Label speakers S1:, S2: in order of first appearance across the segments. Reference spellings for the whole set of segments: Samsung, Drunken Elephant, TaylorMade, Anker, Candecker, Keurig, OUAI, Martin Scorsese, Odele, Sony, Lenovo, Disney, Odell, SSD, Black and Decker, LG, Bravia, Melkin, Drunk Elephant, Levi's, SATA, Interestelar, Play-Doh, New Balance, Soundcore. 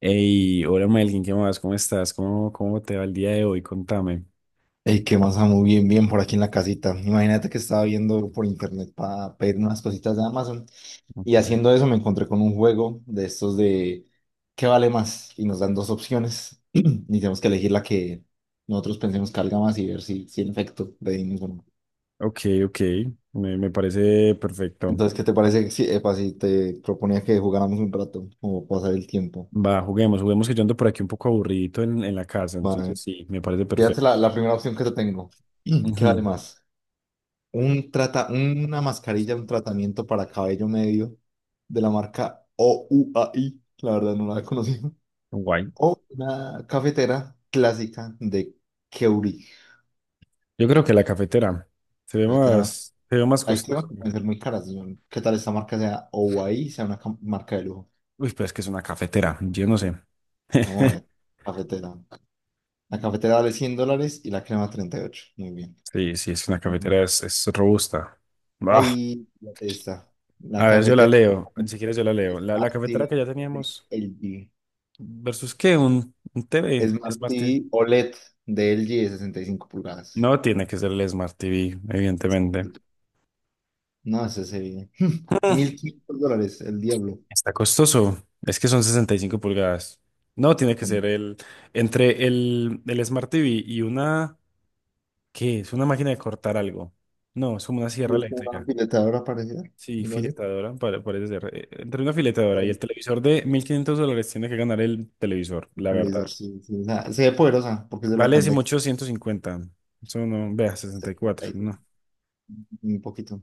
S1: Hey, hola Melkin, ¿qué más? ¿Cómo estás? ¿Cómo te va el día de hoy? Contame.
S2: Ey, qué más, muy bien, bien por aquí en la casita. Imagínate que estaba viendo por internet para pedir unas cositas de Amazon y
S1: Ujú.
S2: haciendo eso me encontré con un juego de estos de ¿qué vale más? Y nos dan dos opciones y tenemos que elegir la que nosotros pensemos que valga más y ver si en efecto le dimos o no.
S1: Ok, ok, me parece perfecto.
S2: Entonces, ¿qué te parece si, epa, si te proponía que jugáramos un rato o pasar el tiempo?
S1: Va, juguemos, juguemos que yo ando por aquí un poco aburridito en la casa, entonces
S2: Vale.
S1: sí, me parece
S2: Fíjate
S1: perfecto.
S2: la primera opción que te tengo. ¿Qué vale
S1: Ujú,
S2: más? Una mascarilla, un tratamiento para cabello medio de la marca OUAI, la verdad no la he conocido,
S1: guay.
S2: o una cafetera clásica de Keurig.
S1: Yo creo que la cafetera
S2: Cafetera más.
S1: se ve más
S2: Hay temas
S1: costosa.
S2: que pueden ser muy caras, señor. ¿Qué tal esta marca sea OUAI, sea una marca de lujo?
S1: Uy, pero es que es una cafetera, yo no sé.
S2: Vamos a ver, cafetera. La cafetera vale $100 y la crema 38. Muy bien.
S1: Sí, sí, es una cafetera,
S2: Ujú.
S1: es robusta. Ah,
S2: Ahí está. La
S1: a ver, yo la
S2: cafetera
S1: leo, ni siquiera yo la leo. La
S2: Smart
S1: cafetera
S2: TV
S1: que ya
S2: de
S1: teníamos.
S2: LG.
S1: ¿Versus qué? ¿Un TV?
S2: Smart
S1: Smart TV.
S2: TV OLED de LG de 65 pulgadas.
S1: No tiene que ser el Smart TV, evidentemente.
S2: No, ese sería $1500, el diablo.
S1: Está costoso. Es que son 65 pulgadas. No, tiene que ser
S2: Bueno,
S1: el... Entre el Smart TV y una... ¿Qué? Es una máquina de cortar algo. No, es como una
S2: sí,
S1: sierra
S2: es como una
S1: eléctrica.
S2: filetadora parecida,
S1: Sí,
S2: algo así.
S1: filetadora, parece ser. Entre una filetadora y
S2: Wow.
S1: el televisor de $1500 tiene que ganar el televisor,
S2: El
S1: la verdad.
S2: televisor, sí, sí, o sea, se ve poderosa porque es de la
S1: Vale
S2: Candec.
S1: 18, 150. Eso no, vea, 64
S2: 75,
S1: no.
S2: un poquito.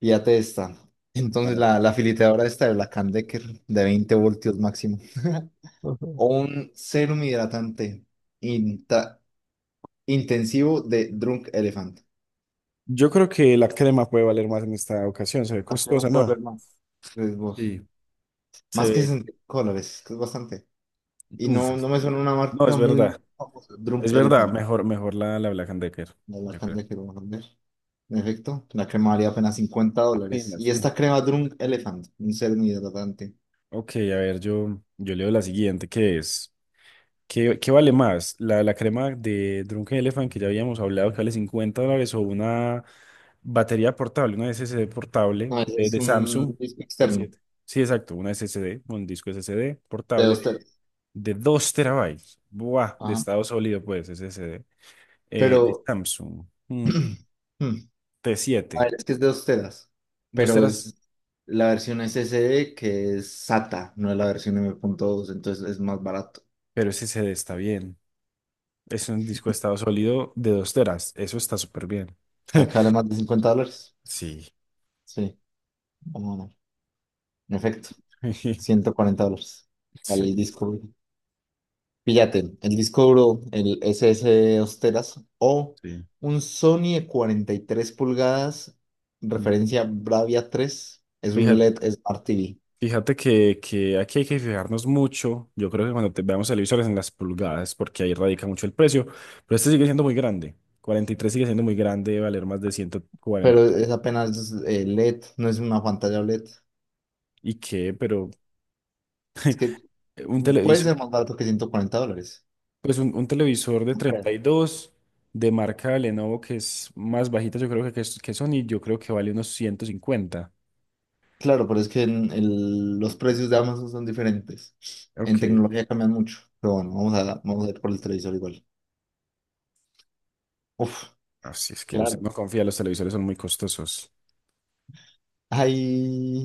S2: Fíjate esta.
S1: A
S2: Entonces, la filetadora esta de la Candecker de 20 voltios máximo.
S1: ver.
S2: O un serum hidratante inta- intensivo de Drunk Elephant.
S1: Yo creo que la crema puede valer más en esta ocasión. Se ve
S2: ¿A qué
S1: costosa,
S2: más puedo leer
S1: ¿no?
S2: más? Pues vos.
S1: Sí, se
S2: Más que
S1: ve.
S2: $60, es que es bastante. Y
S1: Uf,
S2: no, no
S1: es-
S2: me suena una
S1: No,
S2: marca
S1: es
S2: muy
S1: verdad.
S2: famosa. Drunk
S1: Es verdad.
S2: Elephant,
S1: Mejor, mejor la Black and Decker,
S2: la
S1: yo
S2: marca de
S1: creo.
S2: la carne que vamos a vender. En efecto, la crema valía apenas $50. Y
S1: Apenas. Mm.
S2: esta crema Drunk Elephant, un serum hidratante.
S1: Ok, a ver, yo leo la siguiente, que es. ¿Qué, qué vale más? ¿La crema de Drunken Elephant que ya habíamos hablado que vale $50 o una batería portable, una SSD portable
S2: No, ese
S1: de,
S2: es
S1: de Samsung
S2: un disco
S1: de
S2: externo,
S1: 7? Sí, exacto, una SSD, un disco SSD
S2: de dos
S1: portable
S2: teras.
S1: de 2 TB. Buah, de
S2: Ajá.
S1: estado sólido, pues, SSD. De
S2: Pero,
S1: Samsung, mm,
S2: hmm,
S1: T7,
S2: a ver, es que es de 2 teras.
S1: 2
S2: Pero
S1: teras,
S2: es la versión SSD que es SATA, no es la versión M.2, entonces es más barato.
S1: pero SSD está bien. Es un disco de estado sólido de 2 teras, eso está súper bien.
S2: O sea, que vale más de $50.
S1: Sí.
S2: Sí, vamos a ver. En efecto. $140. Vale, el
S1: Sí,
S2: disco duro. Píllate, el disco duro, el S SS Osteras o un Sony de 43 pulgadas,
S1: sí.
S2: referencia Bravia 3. Es un
S1: Fíjate,
S2: LED Smart TV,
S1: fíjate que aquí hay que fijarnos mucho. Yo creo que cuando te veamos televisores en las pulgadas, porque ahí radica mucho el precio. Pero este sigue siendo muy grande. 43 sigue siendo muy grande, debe valer más de 140.
S2: pero es apenas LED, no es una pantalla LED.
S1: ¿Y qué? Pero
S2: Es que
S1: un
S2: puede
S1: televisor,
S2: ser más barato que $140.
S1: pues un televisor de
S2: No
S1: treinta
S2: creo.
S1: y dos de marca Lenovo, que es más bajita, yo creo que, que Sony, yo creo que vale unos 150.
S2: Claro, pero es que en los precios de Amazon son diferentes. En
S1: Ok.
S2: tecnología cambian mucho. Pero bueno, vamos a ir por el televisor igual. Uf.
S1: Así es que usted
S2: Claro.
S1: no confía, los televisores son muy costosos.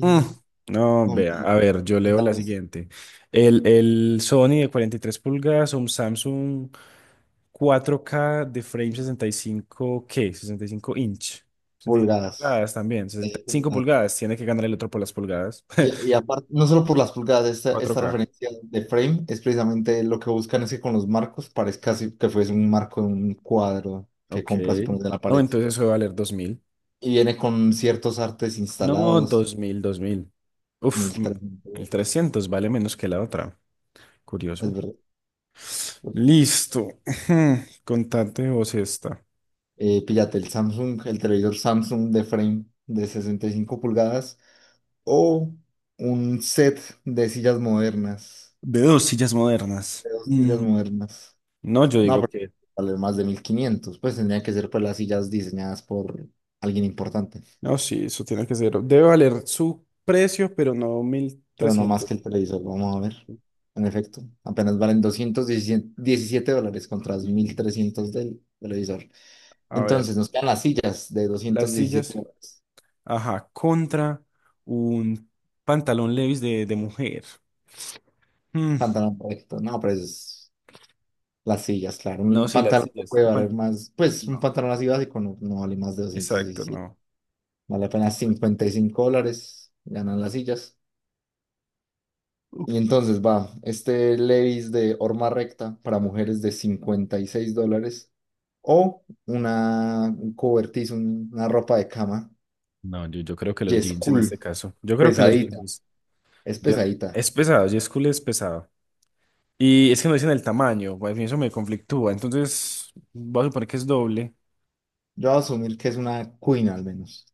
S1: Mm. No, vea, a
S2: Humpty,
S1: ver, yo leo la
S2: contando esto,
S1: siguiente. El Sony de 43 pulgadas, un Samsung 4K de frame 65, ¿qué? 65 inch. sesenta y cinco
S2: pulgadas.
S1: pulgadas también, sesenta y cinco
S2: Pulgadas.
S1: pulgadas. Tiene que ganar el otro por las pulgadas.
S2: Y aparte, no solo por las pulgadas,
S1: cuatro
S2: esta
S1: k
S2: referencia de frame es precisamente lo que buscan es que con los marcos parezca así que fuese un marco de un cuadro que
S1: Ok.
S2: compras y pones en la
S1: No,
S2: pared.
S1: entonces eso va a valer 2000.
S2: Y viene con ciertos artes
S1: No,
S2: instalados,
S1: 2000 2000. Uf, m-
S2: 1300
S1: el
S2: dólares.
S1: 300 vale menos que la otra.
S2: Es
S1: Curioso.
S2: verdad.
S1: Listo. Contate vos esta.
S2: Píllate el Samsung, el televisor Samsung de frame de 65 pulgadas o un set de sillas modernas.
S1: De dos sillas modernas.
S2: De dos sillas
S1: Mm.
S2: modernas.
S1: No, yo
S2: No,
S1: digo
S2: pero
S1: que...
S2: vale más de 1500. Pues tendría que ser pues las sillas diseñadas por alguien importante.
S1: No, sí, eso tiene que ser. Debe valer su precio, pero no
S2: Pero no más
S1: 1300.
S2: que el televisor, vamos a ver. En efecto, apenas valen $217 contra los mil
S1: Mm.
S2: trescientos del televisor.
S1: A ver,
S2: Entonces nos quedan las sillas de
S1: las
S2: doscientos diecisiete
S1: sillas.
S2: dólares.
S1: Ajá, contra un pantalón Levi's de mujer. Mm.
S2: Pantalón correcto. No, pero es las sillas, claro.
S1: No,
S2: Un
S1: sí, las
S2: pantalón no
S1: sillas.
S2: puede valer más. Pues un
S1: No,
S2: pantalón así básico no, no vale más de doscientos
S1: exacto,
S2: diecisiete
S1: no.
S2: Vale
S1: Sí,
S2: apenas
S1: bueno.
S2: $55. Ganan las sillas. Y entonces va, este Levi's de horma recta para mujeres de $56 o un cobertizo, una ropa de cama.
S1: No, yo creo que los
S2: Yes,
S1: jeans en este
S2: cool,
S1: caso. Yo creo que los
S2: pesadita,
S1: jeans.
S2: es
S1: yo-
S2: pesadita.
S1: es pesado, J. School es pesado. Y es que no dicen el tamaño, pues, y eso me conflictúa. Entonces, voy a suponer que es doble.
S2: Yo voy a asumir que es una queen al menos.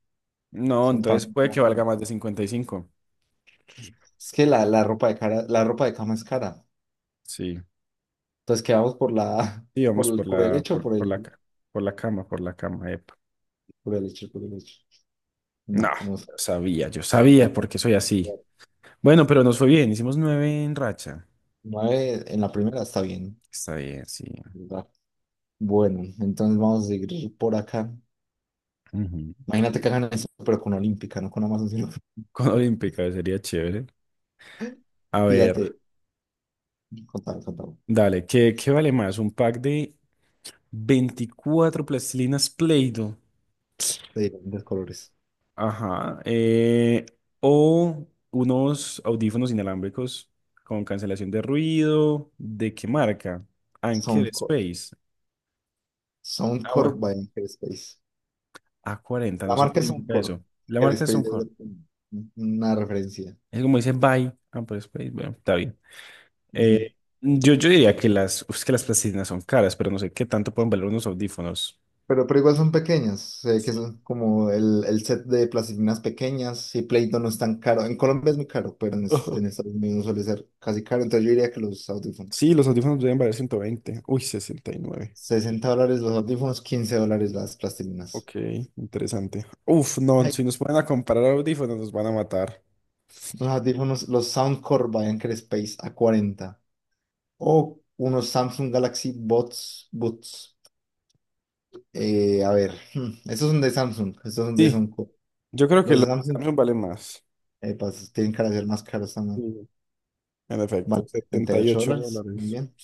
S1: No,
S2: Es un
S1: entonces puede que valga más de 55.
S2: es que la ropa de cara, la ropa de cama es cara.
S1: Sí.
S2: Entonces quedamos
S1: Sí, vamos por
S2: por el
S1: la,
S2: hecho, por
S1: por la,
S2: el
S1: ca- por la cama, epa.
S2: por el hecho, por el hecho.
S1: No,
S2: No, no.
S1: yo sabía porque soy así. Bueno, pero nos fue bien, hicimos 9 en racha.
S2: Nueve en la primera está bien.
S1: Está bien, sí.
S2: Bueno, entonces vamos a seguir por acá.
S1: Ujú.
S2: Imagínate que hagan eso, pero con Olímpica, no con Amazon, sino
S1: Con Olímpica sería chévere. A ver,
S2: fíjate, contame,
S1: dale, ¿qué, qué vale más? ¿Un pack de 24 plastilinas Play-Doh?
S2: de diferentes colores.
S1: Ajá. O unos audífonos inalámbricos con cancelación de ruido. ¿De qué marca? Anker
S2: Soundcore,
S1: Space. Ah,
S2: Soundcore
S1: bueno.
S2: by Space.
S1: A 40, no
S2: La
S1: sé qué
S2: marca es
S1: significa
S2: Soundcore,
S1: eso. La marca es
S2: Space
S1: Soundcore.
S2: es una referencia.
S1: Es como dice Bye Anker Space. Bueno, está bien.
S2: Ujú.
S1: Eh, yo diría que las, es que las plastilinas son caras, pero no sé qué tanto pueden valer unos audífonos.
S2: Pero igual son pequeñas, sé que
S1: Sí.
S2: son como el set de plastilinas pequeñas y Play-Doh no es tan caro. En Colombia es muy caro, pero
S1: Ujú.
S2: en Estados Unidos suele ser casi caro, entonces yo diría que los
S1: Sí,
S2: audífonos.
S1: los audífonos deben valer 120. Uy, 69.
S2: $60 los audífonos, $15 las plastilinas.
S1: Ok, interesante. Uf, no,
S2: Ay,
S1: si nos ponen a comparar audífonos nos van a matar.
S2: los audífonos, los Soundcore by Anker Space a 40. O unos Samsung Galaxy Bots, Buds. A ver, estos son de Samsung, estos son de
S1: Sí,
S2: Sonco.
S1: yo creo que
S2: Los
S1: los
S2: de
S1: de
S2: Samsung
S1: Samsung valen más.
S2: pues, tienen cara de ser más caros también.
S1: Sí, en
S2: Vale,
S1: efecto,
S2: setenta y
S1: setenta y
S2: ocho
S1: ocho
S2: dólares. Muy
S1: dólares.
S2: bien.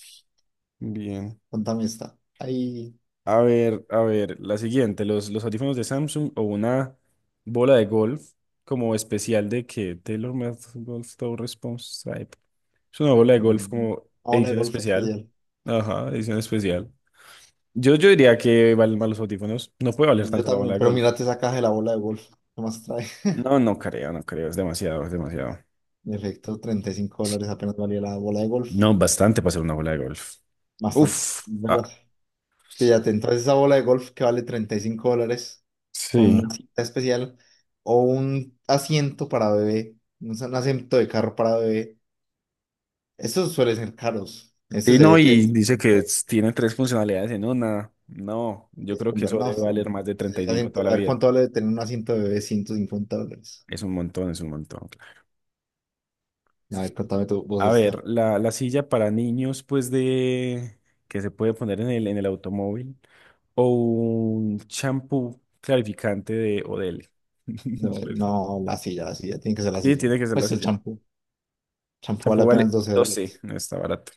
S1: Bien.
S2: Contame esta. Ahí.
S1: A ver, la siguiente, los audífonos de Samsung o una bola de golf como especial de que TaylorMade Golf Toe Response Stripe. Es una bola de golf
S2: Bueno,
S1: como
S2: bola de
S1: edición
S2: golf
S1: especial.
S2: especial.
S1: Ajá, edición especial. Yo diría que valen más los audífonos. No puede valer
S2: Yo
S1: tanto la bola
S2: también,
S1: de
S2: pero
S1: golf.
S2: mírate esa caja de la bola de golf. ¿Qué más trae?
S1: No, no creo, no creo. Es demasiado, es demasiado.
S2: En efecto, $35 apenas valía la bola de golf.
S1: No, bastante para ser una bola de golf.
S2: Bastante,
S1: Uf.
S2: ¿verdad?
S1: Ah,
S2: Fíjate, entonces esa bola de golf que vale $35 con una
S1: sí.
S2: cita especial o un asiento para bebé, un asiento de carro para bebé, estos suelen ser caros. Este
S1: Sí,
S2: se
S1: no,
S2: ve que
S1: y dice que tiene tres funcionalidades en una. No, yo
S2: es
S1: creo que
S2: como,
S1: eso
S2: no,
S1: debe
S2: sí,
S1: valer más de
S2: ese
S1: 35 toda
S2: asiento.
S1: la
S2: A ver
S1: vida.
S2: cuánto vale tener un asiento de bebé, $150.
S1: Es un montón, es un montón.
S2: A ver, contame tu voz
S1: A ver,
S2: esta.
S1: la silla para niños, pues de que se puede poner en el automóvil. O un champú clarificante de Odele.
S2: No, no, la silla, tiene que ser la
S1: Sí,
S2: silla.
S1: tiene que ser la
S2: Pues el
S1: silla.
S2: champú vale
S1: Champú
S2: apenas
S1: vale
S2: 12
S1: 12,
S2: dólares.
S1: no está barato.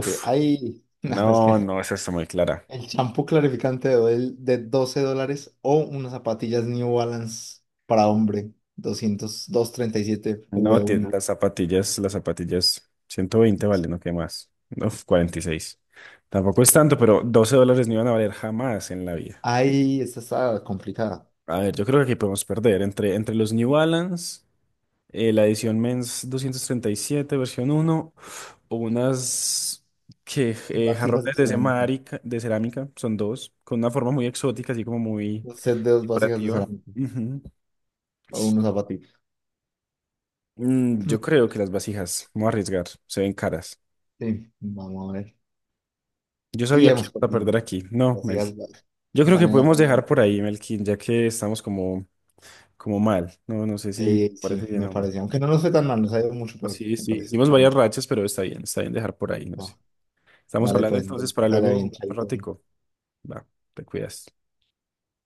S1: Uf,
S2: ahí, no, es que
S1: no, no, esa está muy clara.
S2: el champú clarificante de Odell de $12 o unas zapatillas New Balance para hombre, doscientos treinta y siete
S1: No,
S2: v uno.
S1: las zapatillas, 120 valen, ¿no? ¿Qué más? Uf, 46. Tampoco es tanto, pero $12 no iban a valer jamás en la vida.
S2: Ahí esta está complicada.
S1: A ver, yo creo que aquí podemos perder entre, entre los New Balance, la edición Men's 237, versión uno, o unas que
S2: Vasijas de
S1: jarrones de
S2: cerámica.
S1: cerámica, son dos, con una forma muy exótica, así como muy
S2: Un set de dos vasijas de
S1: decorativa.
S2: cerámica
S1: Ujú.
S2: o unos zapatillos.
S1: Mm,
S2: Hmm,
S1: yo creo que las vasijas, vamos a arriesgar, se ven caras.
S2: sí, vamos a ver.
S1: Yo
S2: Y
S1: sabía que
S2: hemos
S1: iba a
S2: perdido.
S1: perder aquí. No, Mel.
S2: Vasijas
S1: Yo creo que
S2: valen la
S1: podemos
S2: pena.
S1: dejar por ahí, Melkin, ya que estamos como, como mal. No, no sé si te parece
S2: Sí,
S1: bien,
S2: me
S1: hombre.
S2: parece. Aunque no nos fue tan mal, nos ha ido mucho peor,
S1: Sí,
S2: me
S1: sí,
S2: parece.
S1: hicimos varias rachas, pero está bien dejar por ahí, no sé.
S2: Va,
S1: Estamos
S2: dale,
S1: hablando
S2: pues,
S1: entonces
S2: entonces, que
S1: para
S2: te vaya
S1: luego
S2: bien,
S1: jugar un
S2: chaito.
S1: ratico. Va, te cuidas.